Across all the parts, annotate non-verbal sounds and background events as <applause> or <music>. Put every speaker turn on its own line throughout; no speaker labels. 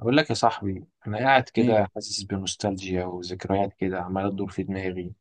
أقول لك يا صاحبي أنا قاعد
ايه.
كده حاسس بنوستالجيا وذكريات كده عمالة تدور في دماغي.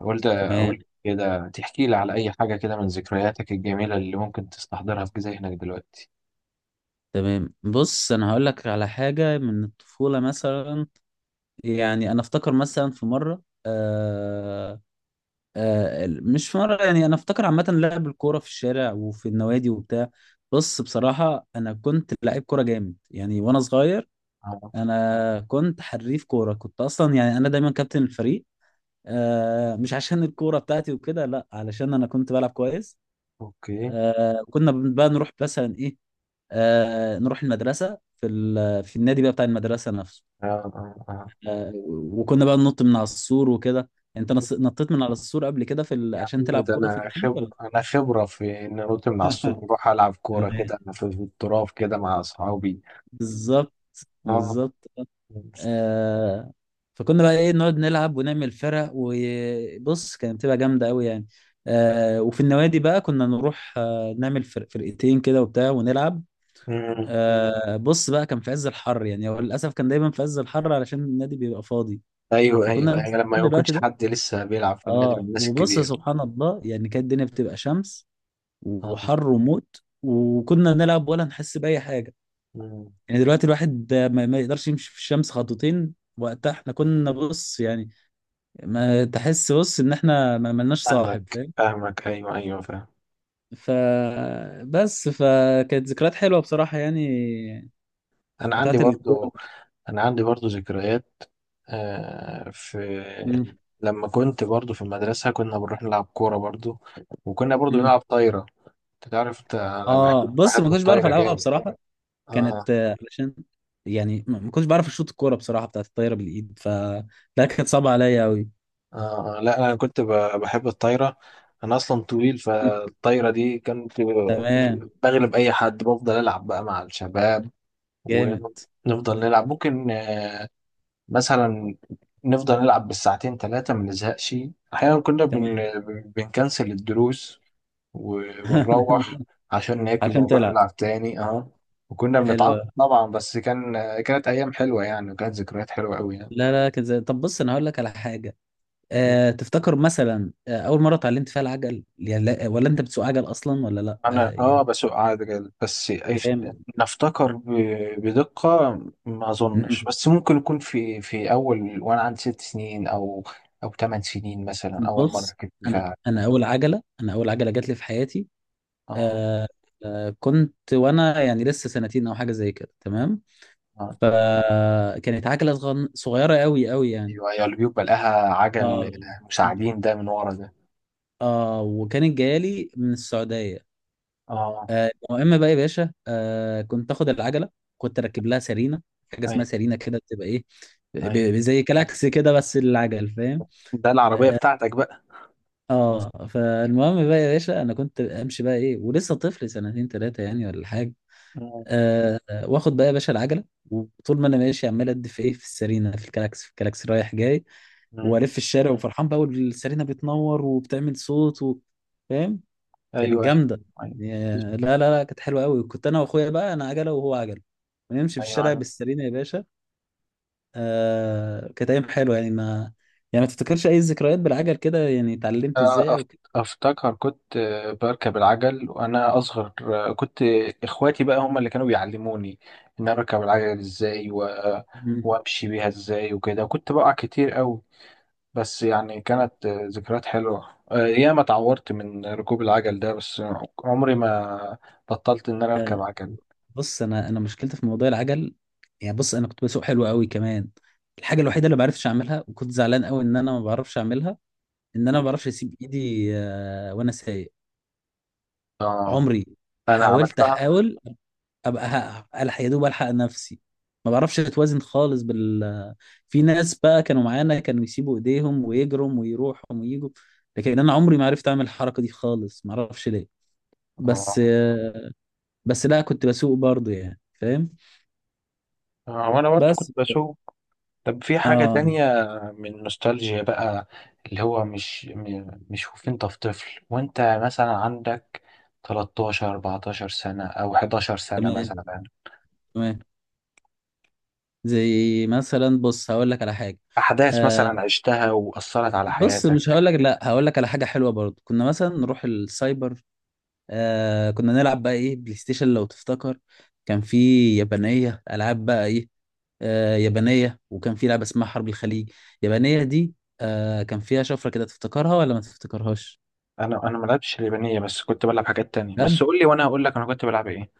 قلت أقول
تمام.
لك كده تحكي لي على أي حاجة كده من ذكرياتك الجميلة اللي ممكن تستحضرها في ذهنك دلوقتي.
تمام بص انا هقول لك على حاجه من الطفوله مثلا. يعني انا افتكر مثلا في مره مش في مره، يعني انا افتكر عامه لعب الكوره في الشارع وفي النوادي وبتاع. بص بصراحه انا كنت لعيب كوره جامد يعني وانا صغير.
آه،
انا كنت حريف كوره، كنت اصلا يعني انا دايما كابتن الفريق. مش عشان الكوره بتاعتي وكده، لا علشان انا كنت بلعب كويس.
أوكي.
كنا بقى نروح مثلا ايه، نروح المدرسة في النادي بقى بتاع المدرسة نفسه.
آه آه آه.
وكنا بقى ننط من على السور وكده. انت نطيت من على السور قبل كده عشان
يعني
تلعب
ده
كورة في النادي ولا؟
أنا خبرة في إن أنط من على السور
<laughs>
وأروح ألعب كورة
تمام.
كده أنا في التراب كده مع أصحابي.
بالظبط.
آه.
بالظبط. آه فكنا بقى ايه نقعد نلعب ونعمل فرق، وبص كانت بتبقى جامده قوي يعني. وفي النوادي بقى كنا نروح نعمل فرق، فرقتين كده وبتاع، ونلعب.
مم.
بص بقى كان في عز الحر، يعني هو للاسف كان دايما في عز الحر علشان النادي بيبقى فاضي.
أيوه
فكنا
أيوه أيوه، لما ما
بنستغل الوقت
يكونش
ده.
حد لسه بيلعب في النادي من
اه
الناس
وبص
الكبيرة.
سبحان الله يعني كانت الدنيا بتبقى شمس
آه.
وحر وموت، وكنا نلعب ولا نحس بأي حاجة.
مم.
يعني دلوقتي الواحد ما يقدرش يمشي في الشمس خطوتين، وقتها احنا كنا بص يعني ما تحس بص ان احنا ما ملناش صاحب،
فاهمك
فاهم؟
فاهمك، ايوه ايوه، فاهم.
ف بس فكانت ذكريات حلوة بصراحة يعني،
انا عندي
بتاعت الكورة.
برضو انا عندي برضو ذكريات. آه في
مم.
لما كنت برضو في المدرسه كنا بنروح نلعب كوره برضو، وكنا برضو
مم.
نلعب طايره. انت تعرف انا
اه بص ما
بحب
كنتش بعرف
الطايره
العبها
جامد.
بصراحة.
آه,
كانت علشان يعني ما كنتش بعرف اشوط الكوره بصراحه بتاعت الطايره بالايد. لا كانت صعبه عليا قوي.
آه, اه، لا انا كنت بحب الطايره. انا اصلا طويل،
<laughs>
فالطايره دي كنت
تمام.
بغلب اي حد، بفضل العب بقى مع الشباب
جامد.
ونفضل نلعب ممكن مثلا نفضل نلعب بالساعتين ثلاثة ما نزهقش. أحيانا كنا
تمام.
بنكنسل الدروس، ونروح
<laughs>
عشان ناكل
عشان
ونروح
تلعب.
نلعب تاني، اه. وكنا
حلوه.
بنتعاقب طبعا بس كانت أيام حلوة يعني، وكانت ذكريات حلوة أوي يعني.
لا لا كانت زي، طب بص انا هقول لك على حاجه. أه تفتكر مثلا اول مره اتعلمت فيها العجل؟ يعني لا ولا انت بتسوق عجل اصلا ولا لا؟ أه
أنا
يعني.
بسوق عجل بس
جامد.
نفتكر بدقة. ما
مم.
أظنش بس ممكن يكون في أول وأنا عندي 6 سنين، أو 8 سنين مثلا، أول مرة
بص
كنت
انا
فيها.
انا اول عجله، اول عجله جات لي في حياتي،
اه
أه. كنت وانا يعني لسه سنتين او حاجه زي كده، تمام.
أه.
فكانت عجلة صغيرة قوي قوي يعني.
ايوه ايوه، اللي بيبقى لها عجل
اه.
مساعدين ده من ورا ده،
اه وكانت جايالي من السعودية.
اه.
المهم بقى يا باشا، كنت اخد العجلة، كنت اركب لها سرينة. حاجة اسمها
ايوه
سرينة كده بتبقى ايه،
ايوه،
زي كلاكس كده بس للعجل، فاهم؟
ده العربية
اه.
بتاعتك بقى.
فالمهم بقى يا باشا انا كنت امشي بقى ايه، ولسه طفل سنتين ثلاثة يعني ولا حاجة.
مم.
واخد بقى يا باشا العجلة، وطول ما انا ماشي عمال ادي في ايه، في السرينة، في الكلاكس، رايح جاي.
مم.
والف الشارع وفرحان بقى، والسيرينا بتنور وبتعمل صوت و... فاهم؟ كانت
ايوه ايوه
جامده.
ايوه
يا- لا كانت حلوه قوي. كنت انا واخويا بقى، انا عجله وهو عجله، ونمشي في
ايوه
الشارع
أيوة.
بالسيرينا يا باشا. كانت ايام حلوه يعني. ما يعني ما تفتكرش اي ذكريات بالعجل كده يعني، اتعلمت ازاي
آه، أف-
او كده؟
افتكر كنت بركب العجل وانا اصغر. آه، كنت اخواتي بقى هم اللي كانوا بيعلموني ان أنا اركب العجل ازاي
مم.
وامشي بيها ازاي وكده، كنت بقع كتير قوي. بس يعني كانت ذكريات حلوة. ياما اتعورت من ركوب العجل ده، بس عمري ما بطلت إن أنا أركب
آه
عجل.
بص انا مشكلتي في موضوع العجل، يعني بص انا كنت بسوق حلو قوي كمان. الحاجه الوحيده اللي ما بعرفش اعملها، وكنت زعلان قوي ان انا ما بعرفش اعملها، ان انا
مم.
ما بعرفش اسيب ايدي وانا سايق.
اه.
عمري
أنا
حاولت،
عملتها،
احاول ابقى هقع، الحق يا دوب الحق نفسي. ما بعرفش اتوازن خالص في ناس بقى كانوا معانا كانوا يسيبوا ايديهم ويجروا ويروحوا ويجوا، لكن انا عمري ما عرفت اعمل الحركه دي خالص، ما اعرفش ليه. بس،
اه.
بس لا كنت بسوق برضو يعني، فاهم؟
وأنا برضو كنت
بس
بشوف. طب في حاجة
اه،
تانية من نوستالجيا بقى، اللي هو مش مش وانت في طفل، وانت مثلا عندك 13 14 سنة أو 11 سنة
تمام.
مثلا،
تمام. زي مثلا بص هقول لك على حاجه.
أحداث مثلا
آه
عشتها وأثرت على
بص مش
حياتك.
هقول لك، لا هقول لك على حاجه حلوه برضو. كنا مثلا نروح السايبر، كنا نلعب بقى ايه بلاي ستيشن، لو تفتكر. كان في يابانية العاب بقى ايه، يابانية. وكان في لعبة اسمها حرب الخليج، يابانية دي. كان فيها شفرة كده، تفتكرها ولا ما تفتكرهاش؟
انا ما لعبتش اليابانيه، بس كنت بلعب حاجات تانية، بس
بجد.
قول لي وانا هقول لك انا كنت بلعب ايه.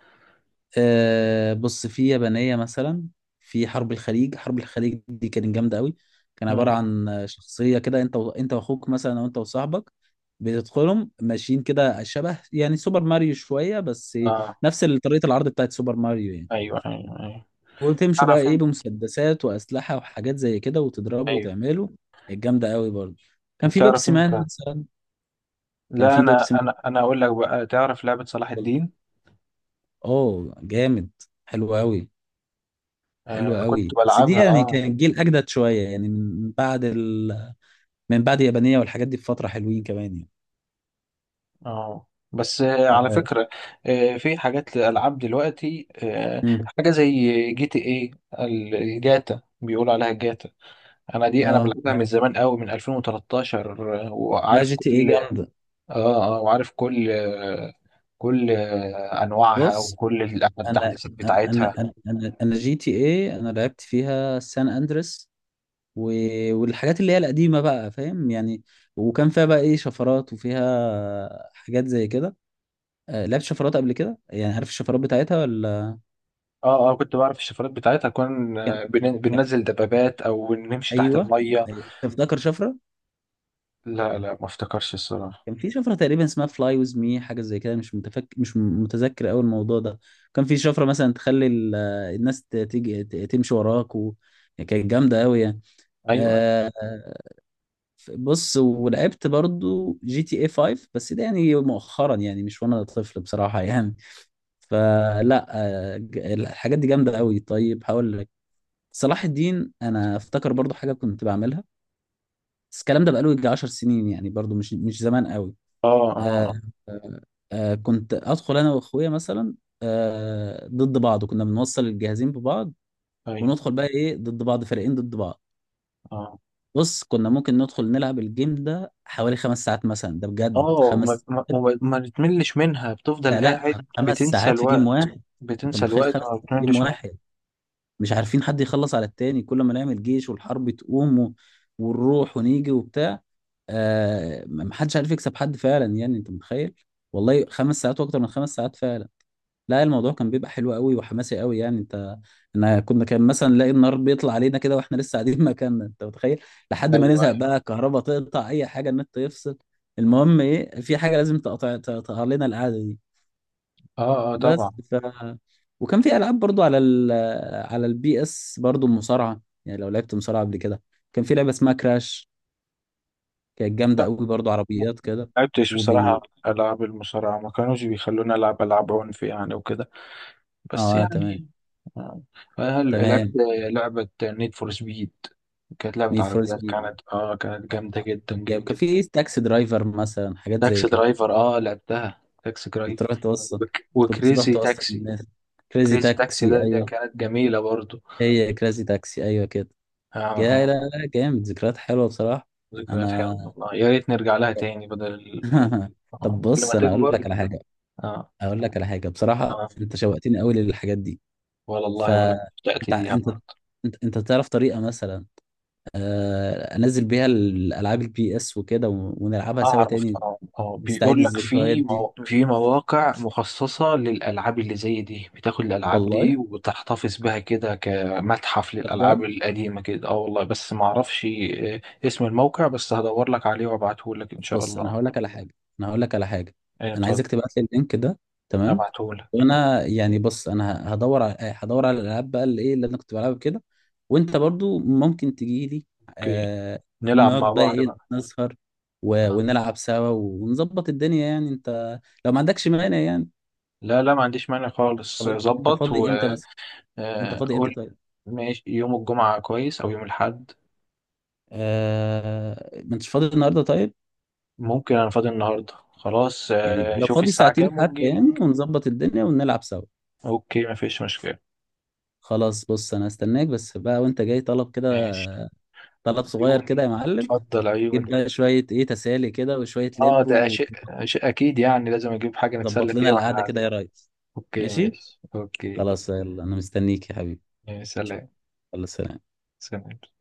بص في يابانية مثلا، في حرب الخليج. حرب الخليج دي كانت جامدة قوي. كان عبارة
مم.
عن شخصية كده، انت و... انت واخوك مثلا او انت وصاحبك، بتدخلهم ماشيين كده شبه يعني سوبر ماريو شوية بس،
اه
نفس طريقة العرض بتاعت سوبر ماريو يعني.
ايوه ايوه ايوه.
وتمشوا بقى
تعرف
ايه
انت
بمسدسات واسلحه وحاجات زي كده، وتضربوا
ايوه،
وتعملوا. الجامده قوي برضه. كان
انت
في
تعرف
بيبسي مان
انت،
مثلا. كان
لا
في بيبسي
انا اقول لك بقى، تعرف لعبه صلاح
مان،
الدين.
اه جامد، حلو قوي. حلو
آه كنت
قوي بس دي
بلعبها،
يعني
اه.
كان جيل اجدد شويه يعني، من بعد اليابانيه والحاجات دي بفتره، حلوين كمان يعني.
اه، بس على
اه.
فكره. في حاجات الالعاب دلوقتي،
مم.
حاجه زي GTA، الجاتا بيقولوا عليها الجاتا. انا دي انا
اه
بلعبها من زمان قوي من 2013.
لا
وعارف
جي تي ايه
كل،
جامده.
اه اه، وعارف كل انواعها
بص
وكل
انا
التحديثات بتاعتها.
أنا جي تي ايه انا لعبت فيها سان اندريس و... والحاجات اللي هي القديمة بقى، فاهم يعني. وكان فيها بقى ايه شفرات وفيها حاجات زي كده. لعبت شفرات قبل كده، يعني عارف الشفرات بتاعتها ولا؟
اه اه، كنت بعرف الشفرات بتاعتها. كنا
كان- كان-
بننزل دبابات او نمشي تحت
ايوه.
الميه.
أيوة. تفتكر شفرة؟
لا لا، ما افتكرش الصراحه.
كان في شفرة تقريبا اسمها فلاي ويز مي، حاجة زي كده، مش متفك... مش م- متذكر قوي الموضوع ده. كان في شفرة مثلا تخلي ال... الناس تيجي تمشي وراك و... كانت جامدة قوي يعني.
ايوه أيوة.
آه، بص ولعبت برضو جي تي اي 5، بس ده يعني مؤخرا يعني مش وانا طفل بصراحة يعني. فلا الحاجات دي جامدة قوي. طيب هقول لك، صلاح الدين انا افتكر برضو حاجة كنت بعملها، بس الكلام ده بقاله يجي 10 سنين يعني، برضو مش زمان قوي.
اه اه
آه آه كنت ادخل انا واخويا مثلا ضد بعض. كنا بنوصل الجهازين ببعض،
آه، ايوه،
وندخل بقى ايه ضد بعض، فريقين ضد بعض.
اه
بص كنا ممكن ندخل نلعب الجيم ده حوالي 5 ساعات مثلا، ده بجد
اه.
خمس ساعات
ما بتملش منها، بتفضل
لا لا،
قاعد.
خمس
بتنسى
ساعات في جيم
الوقت،
واحد. انت
بتنسى
متخيل،
الوقت،
خمس
وما
ساعات في جيم
بتملش منها.
واحد؟ مش عارفين حد يخلص على التاني، كل ما نعمل جيش والحرب تقوم و... ونروح ونيجي وبتاع. محدش عارف يكسب حد فعلا، يعني انت متخيل؟ والله 5 ساعات واكتر من 5 ساعات فعلا. لا الموضوع كان بيبقى حلو قوي وحماسي قوي يعني. انت انا كنا كان مثلا نلاقي النار بيطلع علينا كده واحنا لسه قاعدين <laughs> مكاننا، انت متخيل؟ لحد ما
ايوه
نزهق بقى،
ايوه.
الكهرباء تقطع، اي حاجه، النت يفصل. المهم ايه، في حاجه لازم تقطع لنا القعده دي.
اه اه طبعا.
بس، ف وكان في العاب برضو على ال، على البي اس برضو مصارعه، يعني لو لعبت مصارعه قبل كده. كان في لعبه اسمها كراش، كانت جامده
لا
قوي برضو، عربيات كده.
لعبتش بصراحة،
وبي.
ألعاب المصارعة ما كانوش بيخلوني ألعب ألعاب عنف يعني وكده، بس
اه، تمام.
يعني. آه. هل لعبت
تمام.
لعبة نيد فور سبيد؟ كانت لعبة
نيد فور
عربيات،
سبيد،
كانت كانت جامدة جدا
يبقى
جدا.
في تاكسي درايفر مثلا حاجات زي
تاكسي
كده.
درايفر، اه، لعبتها تاكسي
كنت تروح
درايفر.
توصل، كنت تروح
وكريزي
توصل
تاكسي.
الناس. كريزي
كريزي تاكسي
تاكسي،
ده
ايوه.
كانت جميلة برضو.
هي كريزي تاكسي ايوه كده.
اه
جاي،
اه،
لا لا جامد. ذكريات حلوه بصراحه.
ذكريات حلوة
انا
والله، يا ريت نرجع لها تاني بدل
<laughs> طب
آه. كل
بص
ما
انا اقول
تكبر.
لك على حاجه،
اه
اقول لك على حاجه. بصراحه
اه
انت شوقتني قوي للحاجات دي. ف
والله، وانا بدأت
انت انت
اياها.
انت تعرف طريقه مثلا انزل بيها الالعاب البي اس وكده ونلعبها سوا
أعرف
تاني؟
طبعا،
نستعيد
بيقول لك
الذكريات
في
دي.
في مواقع مخصصة للألعاب اللي زي دي، بتاخد الألعاب
والله.
دي وتحتفظ بها كده كمتحف
بجد.
للألعاب القديمة كده، اه والله، بس ما أعرفش اسم الموقع، بس هدور لك عليه وأبعته لك إن شاء
بص انا
الله.
هقول لك على حاجه، انا هقول لك على حاجه،
أيوة،
انا
اتفضل.
عايزك تبعت لي اللينك ده، تمام.
هبعته لك.
وانا يعني بص انا هدور على، هدور على الالعاب بقى اللي ايه اللي انا كنت بلعبها كده، وانت برضو ممكن تجي لي.
أوكي.
آه
نلعب مع
نقعد بقى
بعض
ايه
بقى.
نسهر
آه.
و... ونلعب سوا ونظبط الدنيا، يعني انت لو ما عندكش مانع يعني.
لا لا، ما عنديش مانع خالص،
طب انت، انت
ظبط
فاضي امتى
وقول.
مثلا؟ انت فاضي امتى طيب؟
ماشي، يوم الجمعة كويس أو يوم الأحد.
ما انتش فاضي النهارده طيب؟
ممكن، أنا فاضي النهاردة خلاص،
يعني لو
شوف
فاضي
الساعة
ساعتين
كام
حتى يعني،
ونجيلك.
ونظبط الدنيا ونلعب سوا.
اوكي مفيش مشكلة.
خلاص بص انا هستناك، بس بقى وانت جاي طلب كده،
ماشي.
طلب صغير كده
عيوني،
يا معلم.
اتفضل
جيب
عيوني.
بقى شوية ايه تسالي كده وشوية
اه،
لب،
ده شيء
وظبط
اكيد يعني، لازم اجيب حاجة نتسلى
لنا
فيها واحنا
القعدة كده
قاعدين.
يا ريس.
اوكي
ماشي.
ماشي اوكي.
خلاص يلا انا مستنيك يا حبيبي.
يا سلام.
يلا سلام.
سلام.